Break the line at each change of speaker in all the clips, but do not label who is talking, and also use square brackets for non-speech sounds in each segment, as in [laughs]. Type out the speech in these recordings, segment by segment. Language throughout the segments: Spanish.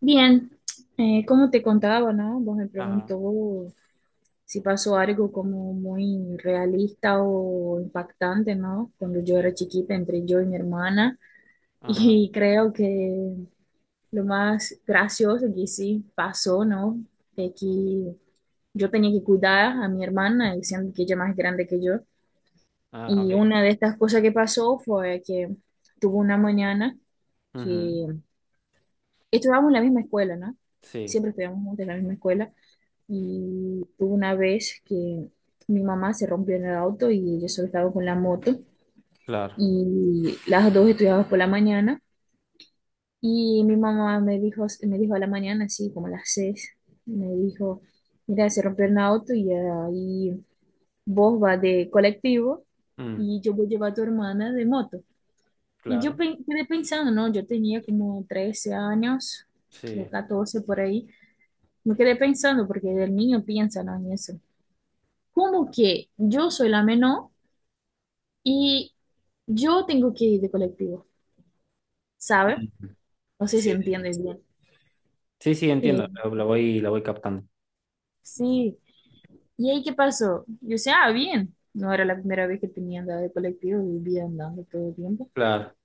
Bien, como te contaba, ¿no? Vos me
Ajá,
preguntó si pasó algo como muy realista o impactante, ¿no? Cuando yo era
sí,
chiquita entre yo y mi hermana. [laughs]
ajá,
Y creo que lo más gracioso que sí pasó, ¿no? Es que yo tenía que cuidar a mi hermana, y siendo que ella es más grande que yo.
ah, ok.
Y una de estas cosas que pasó fue que tuvo una mañana
Ujú,
que estudiábamos en la misma escuela, ¿no?
sí,
Siempre estudiamos juntos en la misma escuela y hubo una vez que mi mamá se rompió en el auto y yo solo estaba con la moto
claro,
y las dos estudiábamos por la mañana y mi mamá me dijo a la mañana, así como a las 6, me dijo, mira, se rompió el auto y ahí vos vas de colectivo
mm,
y yo voy a llevar a tu hermana de moto. Y yo
claro,
quedé pensando, ¿no? Yo tenía como 13 años o
sí.
14 por ahí. Me quedé pensando, porque el niño piensa no en eso. Como que yo soy la menor y yo tengo que ir de colectivo, ¿sabe?
Mm,
No sé si
sí,
entiendes bien.
sí, sí,
Eh,
entiendo, lo voy captando.
sí. ¿Y ahí qué pasó? Yo decía, ah, bien. No era la primera vez que tenía andado de colectivo, vivía andando todo el tiempo.
Claro,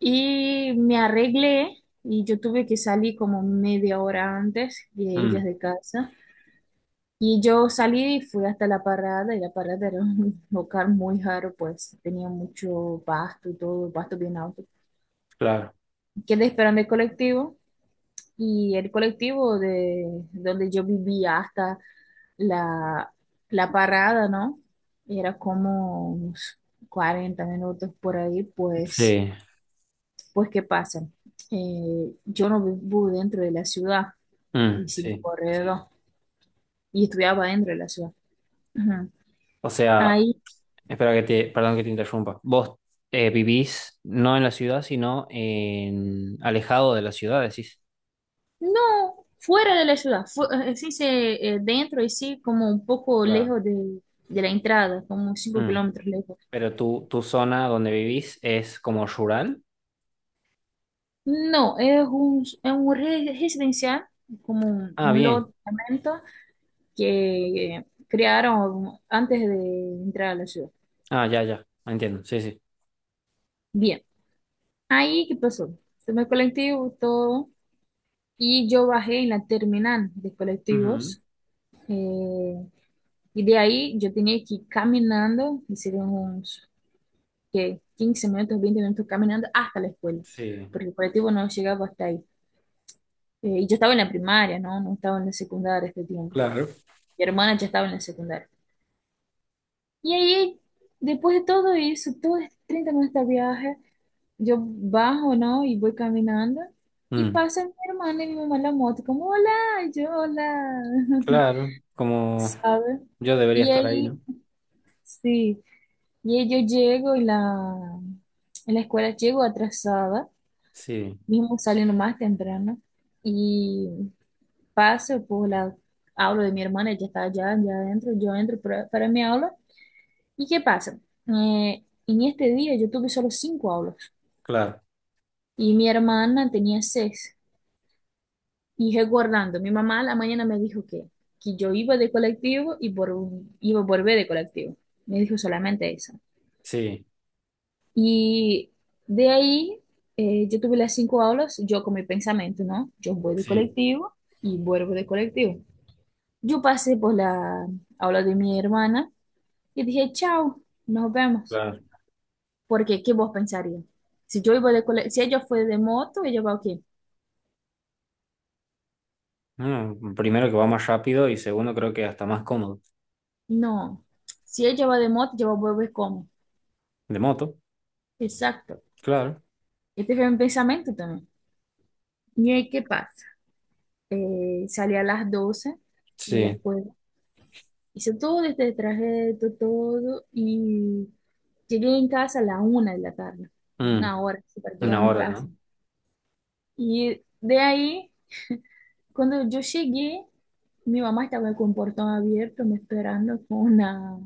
Y me arreglé y yo tuve que salir como media hora antes de ellas
mm,
de casa. Y yo salí y fui hasta la parada, y la parada era un [laughs] lugar muy raro, pues tenía mucho pasto y todo, pasto bien alto.
claro,
Quedé esperando el colectivo y el colectivo de donde yo vivía hasta la, la parada, ¿no? Era como unos 40 minutos por ahí, pues,
sí,
pues ¿qué pasa? Yo no vivo dentro de la ciudad
mm,
y sin
sí.
corredor y estudiaba dentro de la ciudad. Ujú.
O sea,
Ahí.
perdón que te interrumpa. Vos vivís no en la ciudad, sino en alejado de la ciudad, decís.
No, fuera de la ciudad, sí, dentro y sí, como un poco
Claro.
lejos de la entrada, como cinco
Mm,
kilómetros lejos.
pero tu zona donde vivís es como rural.
No, es un residencial, como un,
Ah,
un
bien.
lote de apartamento que crearon antes de entrar a la ciudad.
Ah, ya, ya, entiendo, sí, sí.
Bien, ahí, ¿qué pasó? Tomé el colectivo, todo, y yo bajé en la terminal de
Ujú,
colectivos. eh, y de ahí yo tenía que ir caminando, hicieron unos que 15 minutos, 20 minutos caminando hasta la escuela,
sí.
porque el colectivo no llegaba hasta ahí. Y yo estaba en la primaria, ¿no? No estaba en la secundaria este tiempo.
Claro,
Mi hermana ya estaba en la secundaria. Y ahí, después de todo eso, todos estos 30 minutos de viaje, yo bajo, ¿no? Y voy caminando. Y
mm,
pasa mi hermana y mi mamá en la moto, como, hola, y yo, hola, [laughs]
claro, como
¿sabes?
yo debería
Y
estar ahí,
ahí,
¿no?
sí, y ahí yo llego y la, en la escuela llego atrasada
Sí,
mismo saliendo más temprano y paso por la aula de mi hermana, ella está allá, allá adentro, yo entro para mi aula. ¿Y qué pasa? En este día yo tuve solo cinco aulas
claro,
y mi hermana tenía seis. Y recordando, mi mamá a la mañana me dijo que yo iba de colectivo y por, iba a volver de colectivo. Me dijo solamente eso.
sí,
Y de ahí yo tuve las cinco aulas, yo con mi pensamiento, ¿no? Yo voy de
sí.
colectivo y vuelvo de colectivo. Yo pasé por la aula de mi hermana y dije, chao, nos vemos.
Claro.
Porque, ¿qué vos pensarías? Si yo iba de cole- si ella fue de moto, ella va qué?
Mm, primero que va más rápido y segundo creo que hasta más cómodo.
No. Si ella va de moto, yo voy a volver cómo.
De moto,
Exacto.
claro.
Este fue mi pensamiento también. Y ahí, ¿qué pasa? Salí a las 12 de la
Sí.
escuela. Hice todo este trayecto, todo, y llegué en casa a la 1 de la tarde.
Mm,
Una hora, así, para llegar a
una
mi
hora,
casa.
¿no?
Y de ahí cuando yo llegué, mi mamá estaba con portón abierto, me esperando con una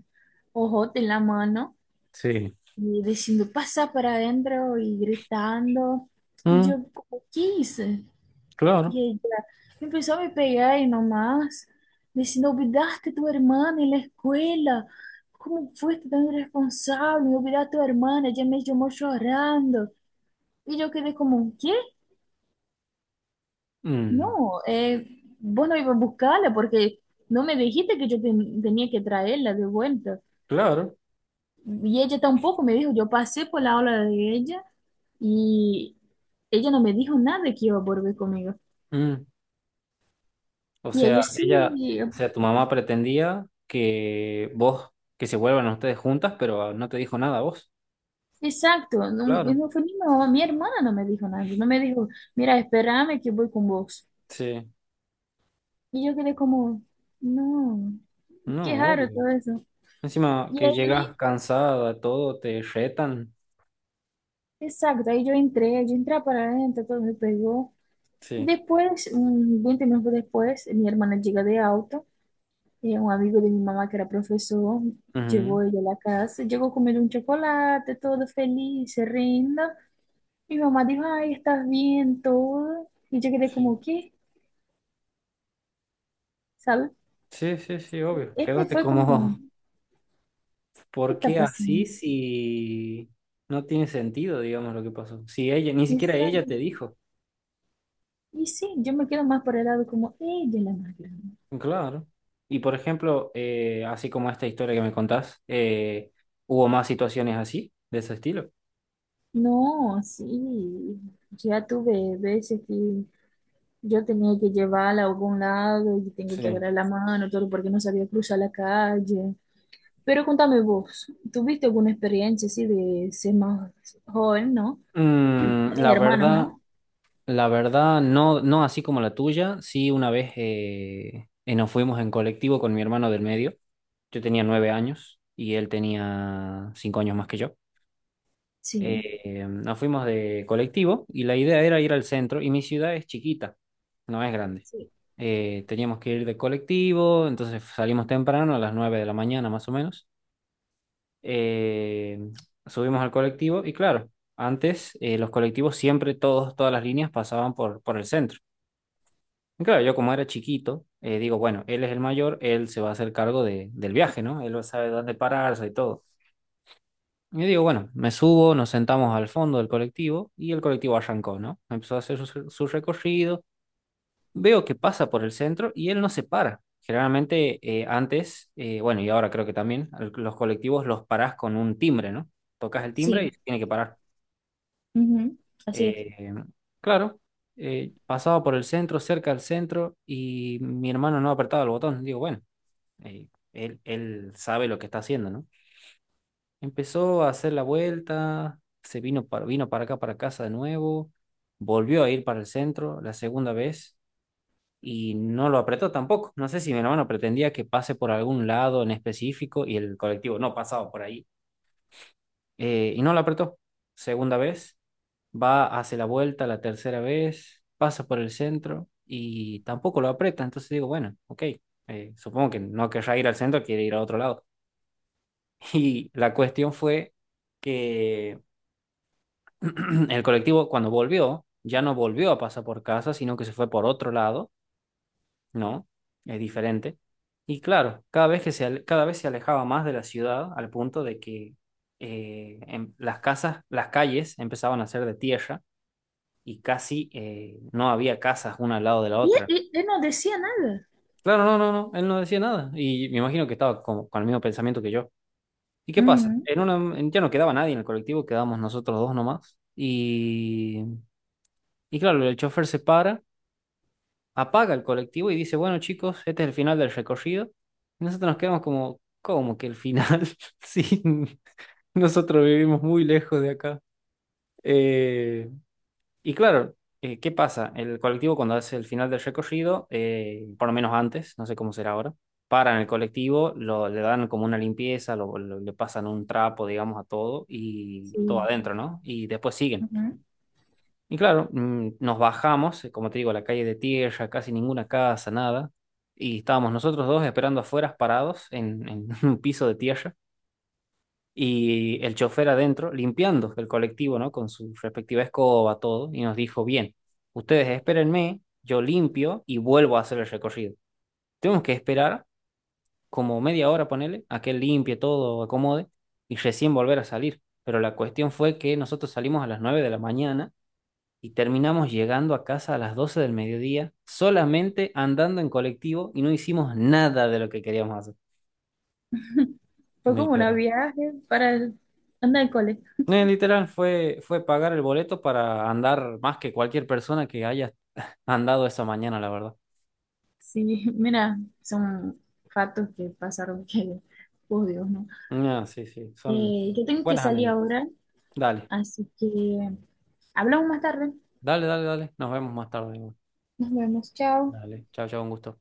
ojote en la mano
Sí.
y diciendo, pasa para adentro y gritando. Y
Mm,
yo, como, ¿qué hice?
claro.
Y ella empezó a me pegar y nomás, diciendo, olvidaste a tu hermana en la escuela. ¿Cómo fuiste tan irresponsable? Me olvidaste a tu hermana, ella me llamó llorando. Y yo quedé como, ¿qué?
Mm,
No, vos no ibas a buscarla porque no me dijiste que yo tenía que traerla de vuelta.
claro.
Y ella tampoco me dijo, yo pasé por la aula de ella y ella no me dijo nada que iba a volver conmigo.
Mm. O
Y
sea,
ella sí,
ella, o sea, tu mamá pretendía que vos, que se vuelvan ustedes juntas, pero no te dijo nada a vos.
exacto, no,
Claro.
no fue ni mi mamá, mi hermana no me dijo nada, no me dijo, mira, espérame que voy con vos.
Sí.
Y yo quedé como, no, qué
No,
raro
obvio.
todo eso.
Encima
Y
que llegas
ahí,
cansada, todo, te retan.
exacto, ahí yo entré para adentro, todo me pegó.
Sí,
Después, un 20 minutos después, mi hermana llega de auto. Un amigo de mi mamá, que era profesor,
ujú.
llevó ella a la casa. Llegó comiendo un chocolate, todo feliz, se. Mi mamá dijo, ay, estás bien, todo. Y yo quedé
Sí.
como, ¿qué? ¿Sabes?
Sí, sí, sí, obvio.
Este
Quedaste
fue como,
como, [laughs]
¿qué
¿por
está
qué así
pasando?
si no tiene sentido, digamos, lo que pasó? Si ella, ni
Y,
siquiera ella te dijo.
y sí, yo me quedo más por el lado como, ella es la más grande.
Claro. Y por ejemplo, así como esta historia que me contás, ¿hubo más situaciones así, de ese estilo?
No, sí, ya tuve veces que yo tenía que llevarla a algún lado y tengo que
Sí.
agarrar la mano, todo porque no sabía cruzar la calle. Pero contame vos, ¿tuviste alguna experiencia así de ser más joven, ¿no? Y
Mm, la
tienes hermanos,
verdad.
¿no?
La verdad, no, no así como la tuya. Sí, una vez nos fuimos en colectivo con mi hermano del medio. Yo tenía 9 años y él tenía 5 años más que yo.
Sí,
Nos fuimos de colectivo y la idea era ir al centro. Y mi ciudad es chiquita, no es grande.
sí,
Teníamos que ir de colectivo, entonces salimos temprano, a las 9 de la mañana más o menos. Eh, Subimos al colectivo y claro, antes los colectivos siempre, todas las líneas pasaban por el centro. Claro, yo como era chiquito, digo, bueno, él es el mayor, él se va a hacer cargo de, del viaje, ¿no? Él sabe dónde pararse y todo. Y digo, bueno, me subo, nos sentamos al fondo del colectivo y el colectivo arrancó, ¿no? Empezó a hacer su, su recorrido, veo que pasa por el centro y él no se para. Generalmente antes, bueno, y ahora creo que también, los colectivos los parás con un timbre, ¿no? Tocas el timbre y
sí,
se tiene que parar.
ujú, así es.
Eh, claro pasaba por el centro, cerca del centro, y mi hermano no apretaba el botón. Digo, bueno, eh, él sabe lo que está haciendo, ¿no? Empezó a hacer la vuelta, vino para acá, para casa de nuevo, volvió a ir para el centro la segunda vez y no lo apretó tampoco. No sé si mi hermano pretendía que pase por algún lado en específico y el colectivo no pasaba por ahí y no lo apretó. Segunda vez, va, hace la vuelta la tercera vez, pasa por el centro y tampoco lo aprieta. Entonces digo, bueno, ok, supongo que no querrá ir al centro, quiere ir a otro lado. Y la cuestión fue que [clears throat] el colectivo cuando volvió, ya no volvió a pasar por casa, sino que se fue por otro lado, ¿no? Es diferente. Y claro, cada vez se alejaba más de la ciudad al punto de que las casas, las calles empezaban a ser de tierra y casi no había casas una al lado de la otra.
Y él no decía nada.
Claro, no, no, no, él no decía nada. Y me imagino que estaba como con el mismo pensamiento que yo. ¿Y qué pasa?
Ujú,
Ya no quedaba nadie en el colectivo, quedábamos nosotros dos nomás. Y claro, el chofer se para, apaga el colectivo y dice, bueno chicos, este es el final del recorrido. Y nosotros nos quedamos como, ¿cómo que el final? [laughs] Sí, nosotros vivimos muy lejos de acá. Eh, y claro, ¿qué pasa? El colectivo cuando hace el final del recorrido, por lo menos antes, no sé cómo será ahora, paran el colectivo, le dan como una limpieza, le pasan un trapo, digamos, a todo y todo
sí.
adentro, ¿no? Y después siguen.
Ujú.
Y claro, nos bajamos, como te digo, a la calle de tierra, casi ninguna casa, nada. Y estábamos nosotros dos esperando afuera, parados en [laughs] un piso de tierra y el chofer adentro limpiando el colectivo, ¿no? Con su respectiva escoba, todo, y nos dijo, bien, ustedes espérenme, yo limpio y vuelvo a hacer el recorrido. Tenemos que esperar como media hora, ponele, a que él limpie todo, acomode, y recién volver a salir. Pero la cuestión fue que nosotros salimos a las 9 de la mañana y terminamos llegando a casa a las 12 del mediodía, solamente andando en colectivo y no hicimos nada de lo que queríamos hacer.
Fue como un
Literal.
viaje para el- andar al cole.
Literal, fue, fue pagar el boleto para andar más que cualquier persona que haya andado esa mañana, la verdad.
Sí, [laughs] mira, son fatos que pasaron que, por Dios, ¿no?
Ah, sí, sí, son
Yo tengo que
buenas
salir
anécdotas.
ahora,
Dale,
así que hablamos más tarde.
dale, dale, dale. Nos vemos más tarde.
Nos vemos. Chao.
Dale, chao, chao, un gusto.